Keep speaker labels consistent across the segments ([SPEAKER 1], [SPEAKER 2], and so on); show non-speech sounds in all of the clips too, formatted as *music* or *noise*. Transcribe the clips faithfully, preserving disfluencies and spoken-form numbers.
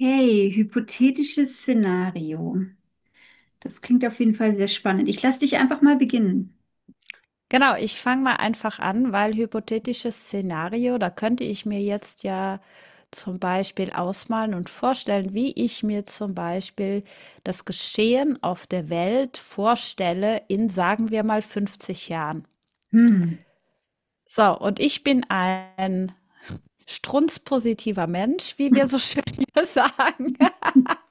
[SPEAKER 1] Okay, hypothetisches Szenario. Das klingt auf jeden Fall sehr spannend. Ich lasse dich einfach mal beginnen.
[SPEAKER 2] Genau, ich fange mal einfach an, weil hypothetisches Szenario, da könnte ich mir jetzt ja zum Beispiel ausmalen und vorstellen, wie ich mir zum Beispiel das Geschehen auf der Welt vorstelle in, sagen wir mal, fünfzig Jahren.
[SPEAKER 1] Hm.
[SPEAKER 2] So, und ich bin ein strunzpositiver Mensch, wie wir so schön hier *laughs* sagen.
[SPEAKER 1] *laughs*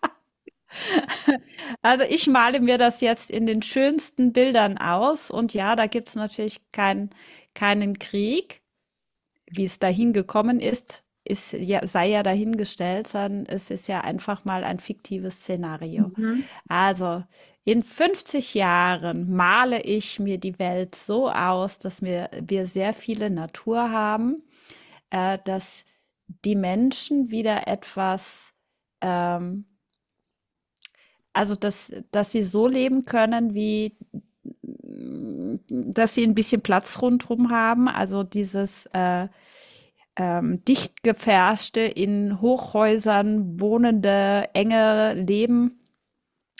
[SPEAKER 2] Also ich male mir das jetzt in den schönsten Bildern aus und ja, da gibt es natürlich kein, keinen Krieg. Wie es dahin gekommen ist, ist ja, sei ja dahingestellt, sondern es ist ja einfach mal ein fiktives Szenario.
[SPEAKER 1] Mhm.
[SPEAKER 2] Also, in fünfzig Jahren male ich mir die Welt so aus, dass wir, wir sehr viele Natur haben, äh, dass die Menschen wieder etwas, ähm, also dass, dass sie so leben können, wie, mm, dass sie ein bisschen Platz rundherum haben. Also dieses äh, ähm, dicht gefärschte, in Hochhäusern wohnende, enge Leben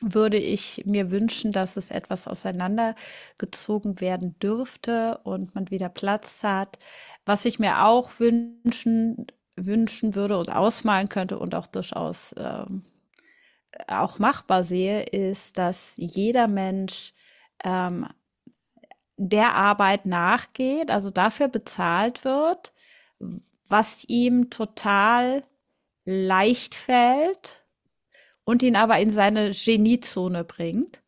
[SPEAKER 2] würde ich mir wünschen, dass es etwas auseinandergezogen werden dürfte und man wieder Platz hat. Was ich mir auch wünschen, wünschen würde und ausmalen könnte und auch durchaus ähm, auch machbar sehe, ist, dass jeder Mensch ähm, der Arbeit nachgeht, also dafür bezahlt wird, was ihm total leicht fällt und ihn aber in seine Geniezone bringt.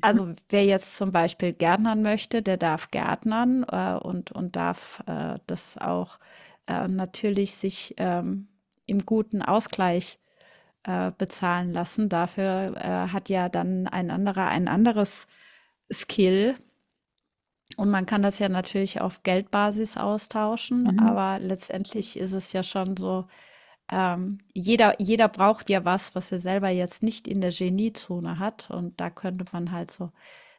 [SPEAKER 2] Also wer jetzt zum Beispiel gärtnern möchte, der darf gärtnern äh, und, und darf äh, das auch äh, natürlich sich ähm, im guten Ausgleich äh, bezahlen lassen. Dafür äh, hat ja dann ein anderer ein anderes Skill. Und man kann das ja natürlich auf Geldbasis austauschen,
[SPEAKER 1] Mhm.
[SPEAKER 2] aber letztendlich ist es ja schon so. Ähm, jeder, jeder braucht ja was, was er selber jetzt nicht in der Geniezone hat. Und da könnte man halt so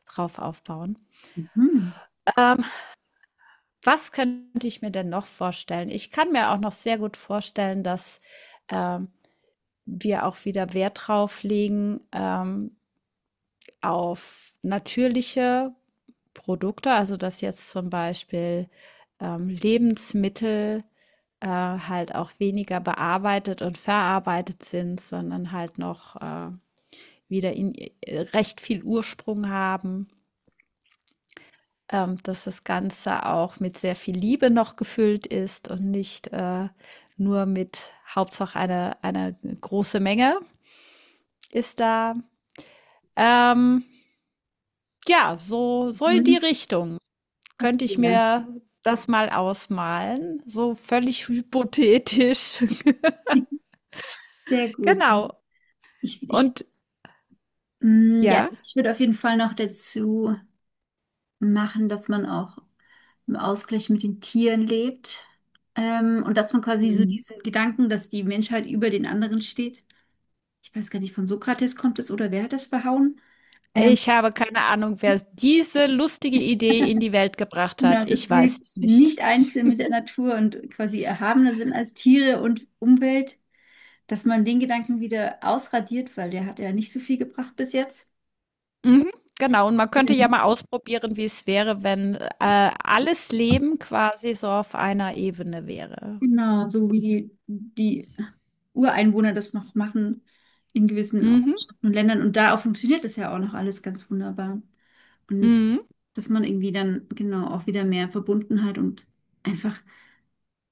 [SPEAKER 2] drauf aufbauen.
[SPEAKER 1] Mhm.
[SPEAKER 2] Ähm, was könnte ich mir denn noch vorstellen? Ich kann mir auch noch sehr gut vorstellen, dass ähm, wir auch wieder Wert drauf legen, ähm, auf natürliche Produkte, also dass jetzt zum Beispiel ähm, Lebensmittel äh, halt auch weniger bearbeitet und verarbeitet sind, sondern halt noch äh, wieder in äh, recht viel Ursprung haben, ähm, dass das Ganze auch mit sehr viel Liebe noch gefüllt ist und nicht äh, nur mit Hauptsache eine, eine große Menge ist da. Ähm, ja, so, so in die
[SPEAKER 1] Mhm.
[SPEAKER 2] Richtung könnte ich
[SPEAKER 1] Ja,
[SPEAKER 2] mir das mal ausmalen, so völlig hypothetisch.
[SPEAKER 1] sehr
[SPEAKER 2] *laughs*
[SPEAKER 1] gut.
[SPEAKER 2] Genau.
[SPEAKER 1] Ich, ich,
[SPEAKER 2] Und
[SPEAKER 1] mm, ja,
[SPEAKER 2] ja.
[SPEAKER 1] ich würde auf jeden Fall noch dazu machen, dass man auch im Ausgleich mit den Tieren lebt. Ähm, und dass man quasi so
[SPEAKER 2] Mhm.
[SPEAKER 1] diesen Gedanken, dass die Menschheit über den anderen steht. Ich weiß gar nicht, von Sokrates kommt es oder wer hat das verhauen? Ähm,
[SPEAKER 2] Ich habe keine Ahnung, wer diese lustige Idee in die Welt gebracht
[SPEAKER 1] Genau,
[SPEAKER 2] hat. Ich
[SPEAKER 1] dass wir
[SPEAKER 2] weiß es nicht.
[SPEAKER 1] nicht eins sind mit der Natur und quasi erhabener sind als Tiere und Umwelt, dass man den Gedanken wieder ausradiert, weil der hat ja nicht so viel gebracht bis jetzt.
[SPEAKER 2] Mhm, genau, und man könnte ja mal ausprobieren, wie es wäre, wenn äh, alles Leben quasi so auf einer Ebene wäre.
[SPEAKER 1] Genau, so wie die, die Ureinwohner das noch machen in gewissen
[SPEAKER 2] Mhm,
[SPEAKER 1] Ortschaften und Ländern. Und da auch funktioniert das ja auch noch alles ganz wunderbar. Und
[SPEAKER 2] mhm.
[SPEAKER 1] dass man irgendwie dann genau auch wieder mehr Verbundenheit und einfach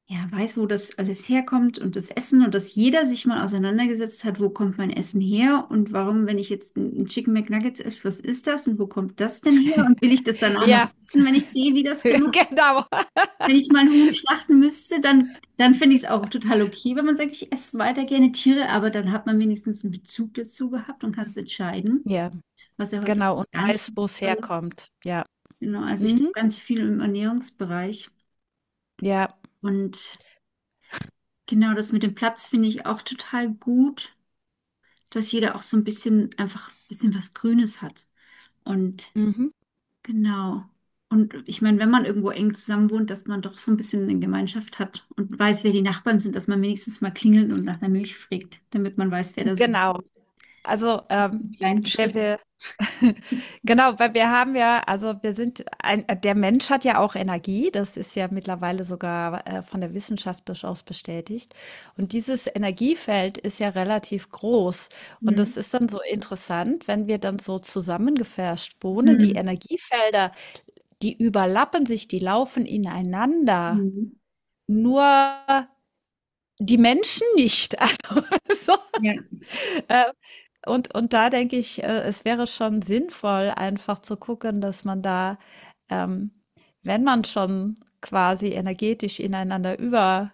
[SPEAKER 1] ja, weiß, wo das alles herkommt und das Essen und dass jeder sich mal auseinandergesetzt hat, wo kommt mein Essen her und warum, wenn ich jetzt ein ein Chicken McNuggets esse, was ist das und wo kommt das denn her und will ich das danach noch
[SPEAKER 2] Ja,
[SPEAKER 1] essen, wenn ich sehe, wie das
[SPEAKER 2] *laughs*
[SPEAKER 1] gemacht wird?
[SPEAKER 2] genau.
[SPEAKER 1] Wenn ich mal ein Huhn schlachten müsste, dann, dann finde ich es auch total okay, wenn man sagt, ich esse weiter gerne Tiere, aber dann hat man wenigstens einen Bezug dazu gehabt und kann es entscheiden,
[SPEAKER 2] Ja,
[SPEAKER 1] was ja heute
[SPEAKER 2] genau, und
[SPEAKER 1] gar nicht
[SPEAKER 2] weiß,
[SPEAKER 1] der
[SPEAKER 2] wo es
[SPEAKER 1] Fall ist.
[SPEAKER 2] herkommt. Ja.
[SPEAKER 1] Genau, also ich glaube
[SPEAKER 2] Mhm.
[SPEAKER 1] ganz viel im Ernährungsbereich
[SPEAKER 2] Ja.
[SPEAKER 1] und Genau, das mit dem Platz finde ich auch total gut, dass jeder auch so ein bisschen einfach ein bisschen was Grünes hat. Und
[SPEAKER 2] Mhm.
[SPEAKER 1] genau. Und ich meine, wenn man irgendwo eng zusammen wohnt, dass man doch so ein bisschen eine Gemeinschaft hat und weiß, wer die Nachbarn sind, dass man wenigstens mal klingelt und nach einer Milch fragt, damit man weiß, wer da so einen
[SPEAKER 2] Genau. Also, ähm,
[SPEAKER 1] kleinen
[SPEAKER 2] wir,
[SPEAKER 1] Schritt.
[SPEAKER 2] wir *laughs* Genau, weil wir haben ja, also wir sind, ein, äh, der Mensch hat ja auch Energie, das ist ja mittlerweile sogar äh, von der Wissenschaft durchaus bestätigt. Und dieses Energiefeld ist ja relativ groß. Und das
[SPEAKER 1] Mhm.
[SPEAKER 2] ist dann so interessant, wenn wir dann so zusammengefärscht wohnen, die
[SPEAKER 1] Mhm.
[SPEAKER 2] Energiefelder, die überlappen sich, die laufen ineinander.
[SPEAKER 1] Mhm.
[SPEAKER 2] Nur die Menschen nicht. *laughs* Also, so,
[SPEAKER 1] Ja.
[SPEAKER 2] äh, und, und da denke ich, äh, es wäre schon sinnvoll, einfach zu gucken, dass man da, ähm, wenn man schon quasi energetisch ineinander überläuft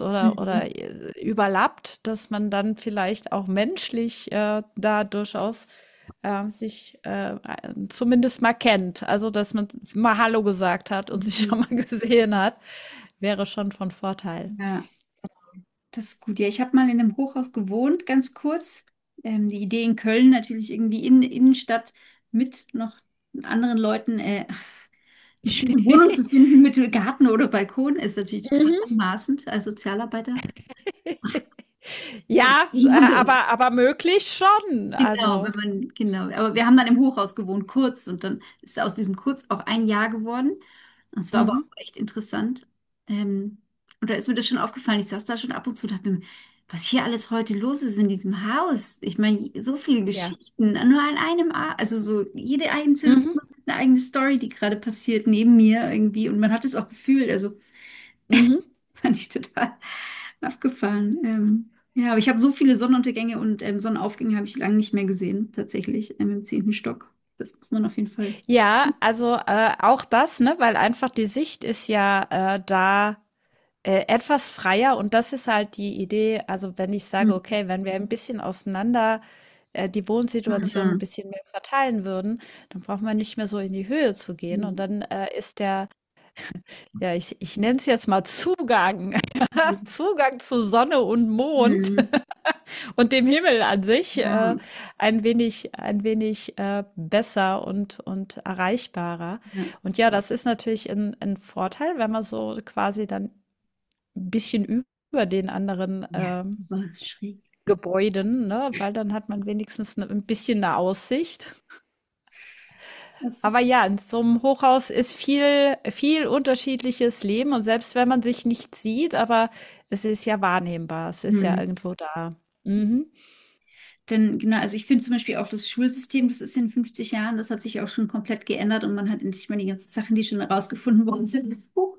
[SPEAKER 2] oder, oder
[SPEAKER 1] Mhm.
[SPEAKER 2] äh, überlappt, dass man dann vielleicht auch menschlich äh, da durchaus äh, sich äh, zumindest mal kennt. Also, dass man mal Hallo gesagt hat und *laughs* sich
[SPEAKER 1] Mhm.
[SPEAKER 2] schon mal *laughs* gesehen hat, wäre schon von Vorteil.
[SPEAKER 1] Ja. Das ist gut. Ja, ich habe mal in einem Hochhaus gewohnt, ganz kurz. Ähm, die Idee in Köln natürlich irgendwie in der Innenstadt mit noch anderen Leuten äh, *laughs* eine schöne Wohnung zu
[SPEAKER 2] *laughs*
[SPEAKER 1] finden mit Garten oder Balkon ist natürlich total
[SPEAKER 2] Mhm.
[SPEAKER 1] anmaßend als Sozialarbeiter.
[SPEAKER 2] *laughs*
[SPEAKER 1] Und
[SPEAKER 2] Ja, äh,
[SPEAKER 1] den haben wir
[SPEAKER 2] aber aber möglich schon.
[SPEAKER 1] Genau, wenn
[SPEAKER 2] Also
[SPEAKER 1] man, genau. Aber wir haben dann im Hochhaus gewohnt, kurz. Und dann ist aus diesem Kurz auch ein Jahr geworden, und es war aber
[SPEAKER 2] mhm,
[SPEAKER 1] auch echt interessant. Ähm, und da ist mir das schon aufgefallen. Ich saß da schon ab und zu und dachte mir, was hier alles heute los ist in diesem Haus. Ich meine, so viele
[SPEAKER 2] ja.
[SPEAKER 1] Geschichten, nur an einem, A also so jede einzelne
[SPEAKER 2] Mhm,
[SPEAKER 1] Wohnung hat eine eigene Story, die gerade passiert neben mir irgendwie. Und man hat es auch gefühlt. Also
[SPEAKER 2] mhm.
[SPEAKER 1] *laughs* fand ich total abgefahren. Ähm, ja, aber ich habe so viele Sonnenuntergänge und ähm, Sonnenaufgänge habe ich lange nicht mehr gesehen, tatsächlich, ähm, im zehnten Stock. Das muss man auf jeden Fall.
[SPEAKER 2] Ja, also, äh, auch das, ne, weil einfach die Sicht ist ja, äh, da, äh, etwas freier und das ist halt die Idee. Also, wenn ich sage: „Okay, wenn wir ein bisschen auseinander, äh, die Wohnsituation ein
[SPEAKER 1] Mhm.
[SPEAKER 2] bisschen mehr verteilen würden, dann braucht man nicht mehr so in die Höhe zu gehen." Und
[SPEAKER 1] Mhm.
[SPEAKER 2] dann, äh, ist der, ja, ich ich nenne es jetzt mal Zugang *laughs* Zugang zu Sonne und Mond
[SPEAKER 1] Mhm.
[SPEAKER 2] und dem Himmel an sich, äh,
[SPEAKER 1] Ja,
[SPEAKER 2] ein wenig, ein wenig äh, besser und, und erreichbarer.
[SPEAKER 1] ja,
[SPEAKER 2] Und ja, das ist natürlich ein, ein Vorteil, wenn man so quasi dann ein bisschen über den anderen
[SPEAKER 1] Ja,
[SPEAKER 2] ähm,
[SPEAKER 1] aber schräg.
[SPEAKER 2] Gebäuden, ne? Weil dann hat man wenigstens ne- ein bisschen eine Aussicht.
[SPEAKER 1] Das
[SPEAKER 2] Aber
[SPEAKER 1] ist.
[SPEAKER 2] ja, in so einem Hochhaus ist viel, viel unterschiedliches Leben und selbst wenn man sich nicht sieht, aber es ist ja wahrnehmbar, es ist ja
[SPEAKER 1] Mhm.
[SPEAKER 2] irgendwo da. Mhm.
[SPEAKER 1] Denn genau, also ich finde zum Beispiel auch das Schulsystem, das ist in fünfzig Jahren, das hat sich auch schon komplett geändert und man hat endlich mal die ganzen Sachen, die schon herausgefunden worden sind, hoch,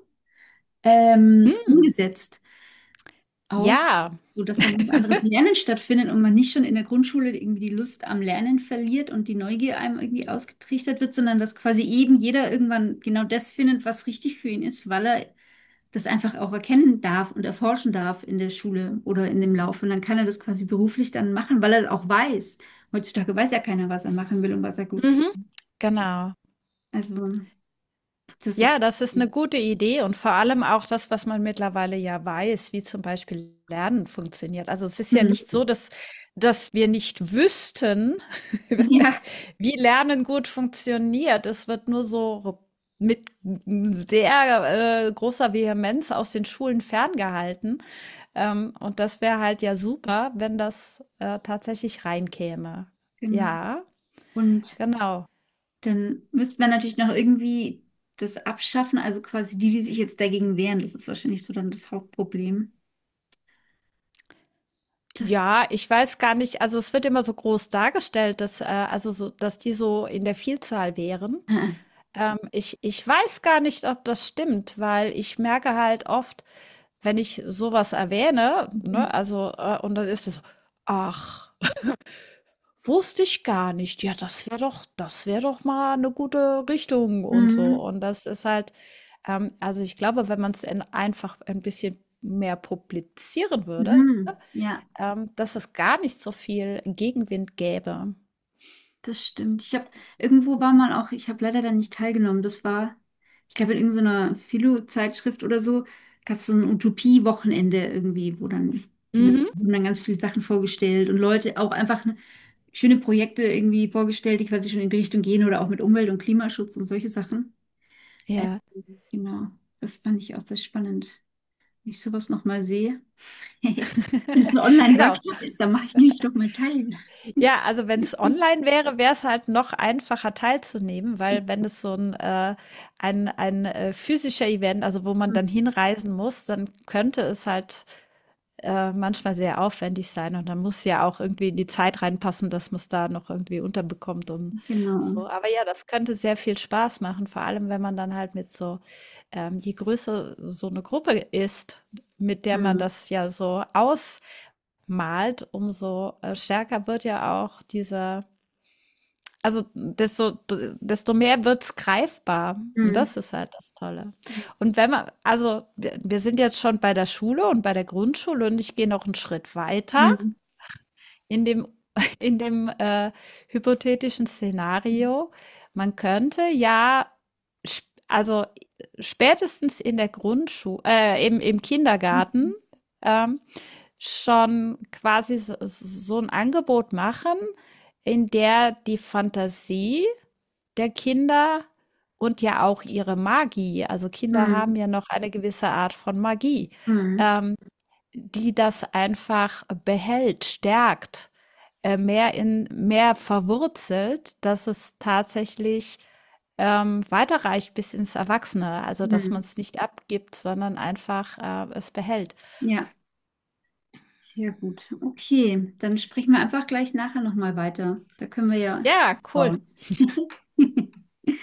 [SPEAKER 1] ähm,
[SPEAKER 2] Hm,
[SPEAKER 1] umgesetzt. Auch,
[SPEAKER 2] ja.
[SPEAKER 1] so dass dann ein anderes Lernen stattfindet und man nicht schon in der Grundschule irgendwie die Lust am Lernen verliert und die Neugier einem irgendwie ausgetrichtert wird, sondern dass quasi eben jeder irgendwann genau das findet, was richtig für ihn ist, weil er das einfach auch erkennen darf und erforschen darf in der Schule oder in dem Lauf. Und dann kann er das quasi beruflich dann machen, weil er auch weiß. Heutzutage weiß ja keiner, was er machen will und was er gut.
[SPEAKER 2] Mhm, genau.
[SPEAKER 1] Also, das
[SPEAKER 2] Ja,
[SPEAKER 1] ist.
[SPEAKER 2] das ist
[SPEAKER 1] Hm.
[SPEAKER 2] eine gute Idee und vor allem auch das, was man mittlerweile ja weiß, wie zum Beispiel Lernen funktioniert. Also, es ist ja nicht
[SPEAKER 1] *laughs*
[SPEAKER 2] so, dass dass wir nicht wüssten, *laughs*
[SPEAKER 1] Ja,
[SPEAKER 2] wie Lernen gut funktioniert. Es wird nur so mit sehr, äh, großer Vehemenz aus den Schulen ferngehalten, ähm, und das wäre halt ja super, wenn das, äh, tatsächlich reinkäme.
[SPEAKER 1] genau.
[SPEAKER 2] Ja,
[SPEAKER 1] Und
[SPEAKER 2] genau.
[SPEAKER 1] Dann müsste man natürlich noch irgendwie das abschaffen, also quasi die, die sich jetzt dagegen wehren, das ist wahrscheinlich so dann das Hauptproblem. Das.
[SPEAKER 2] Ja, ich weiß gar nicht, also es wird immer so groß dargestellt, dass, äh, also so, dass die so in der Vielzahl wären.
[SPEAKER 1] *laughs* Äh,
[SPEAKER 2] Ähm, ich, ich weiß gar nicht, ob das stimmt, weil ich merke halt oft, wenn ich sowas erwähne,
[SPEAKER 1] Mhm.
[SPEAKER 2] ne, also, äh, und dann ist es, so, ach, wusste ich gar nicht. Ja, das wäre doch, das wäre doch mal eine gute Richtung und so.
[SPEAKER 1] Mhm.
[SPEAKER 2] Und das ist halt, ähm, also ich glaube, wenn man es einfach ein bisschen mehr publizieren würde,
[SPEAKER 1] Mhm. Ja,
[SPEAKER 2] ähm, dass es gar nicht so viel Gegenwind gäbe.
[SPEAKER 1] das stimmt. Ich habe irgendwo war mal auch, ich habe leider da nicht teilgenommen. Das war, ich glaube, in irgendeiner Philo-Zeitschrift oder so gab es so ein Utopie-Wochenende irgendwie, wo dann genau
[SPEAKER 2] Mhm.
[SPEAKER 1] wurden dann ganz viele Sachen vorgestellt und Leute auch einfach ne, schöne Projekte irgendwie vorgestellt, die quasi schon in die Richtung gehen oder auch mit Umwelt und Klimaschutz und solche Sachen. Ähm,
[SPEAKER 2] Ja.
[SPEAKER 1] genau, das fand ich auch sehr spannend. Wenn ich sowas nochmal sehe, *laughs* wenn es ein
[SPEAKER 2] *laughs* Genau.
[SPEAKER 1] Online-Workshop ist, dann mache ich nämlich doch mal teil.
[SPEAKER 2] Ja, also wenn es online wäre, wäre es halt noch einfacher teilzunehmen, weil wenn es so ein äh ein ein, äh, physischer Event also, wo man dann hinreisen muss, dann könnte es halt äh, manchmal sehr aufwendig sein und dann muss ja auch irgendwie in die Zeit reinpassen, dass man es da noch irgendwie unterbekommt und
[SPEAKER 1] Genau.
[SPEAKER 2] so. Aber ja, das könnte sehr viel Spaß machen, vor allem wenn man dann halt mit so, ähm, je größer so eine Gruppe ist, mit der man
[SPEAKER 1] Hm.
[SPEAKER 2] das ja so ausmalt, umso, äh, stärker wird ja auch dieser, also desto, desto mehr wird's greifbar. Und
[SPEAKER 1] Hm.
[SPEAKER 2] das ist halt das Tolle. Und wenn man, also wir, wir sind jetzt schon bei der Schule und bei der Grundschule und ich gehe noch einen Schritt weiter
[SPEAKER 1] Hm.
[SPEAKER 2] in dem, *laughs* in dem äh, hypothetischen Szenario. Man könnte ja, sp- also spätestens in der Grundschule, äh, im, im Kindergarten, ähm, schon quasi so, so, ein Angebot machen, in der die Fantasie der Kinder und ja auch ihre Magie. Also Kinder
[SPEAKER 1] Hm.
[SPEAKER 2] haben ja noch eine gewisse Art von Magie,
[SPEAKER 1] Hm.
[SPEAKER 2] ähm, die das einfach behält, stärkt, äh, mehr in mehr verwurzelt, dass es tatsächlich ähm, weiterreicht bis ins Erwachsene. Also dass man
[SPEAKER 1] Hm.
[SPEAKER 2] es nicht abgibt, sondern einfach äh, es behält.
[SPEAKER 1] Ja, sehr gut. Okay, dann sprechen wir einfach gleich nachher nochmal weiter. Da können wir ja
[SPEAKER 2] Ja, cool.
[SPEAKER 1] bauen. *laughs*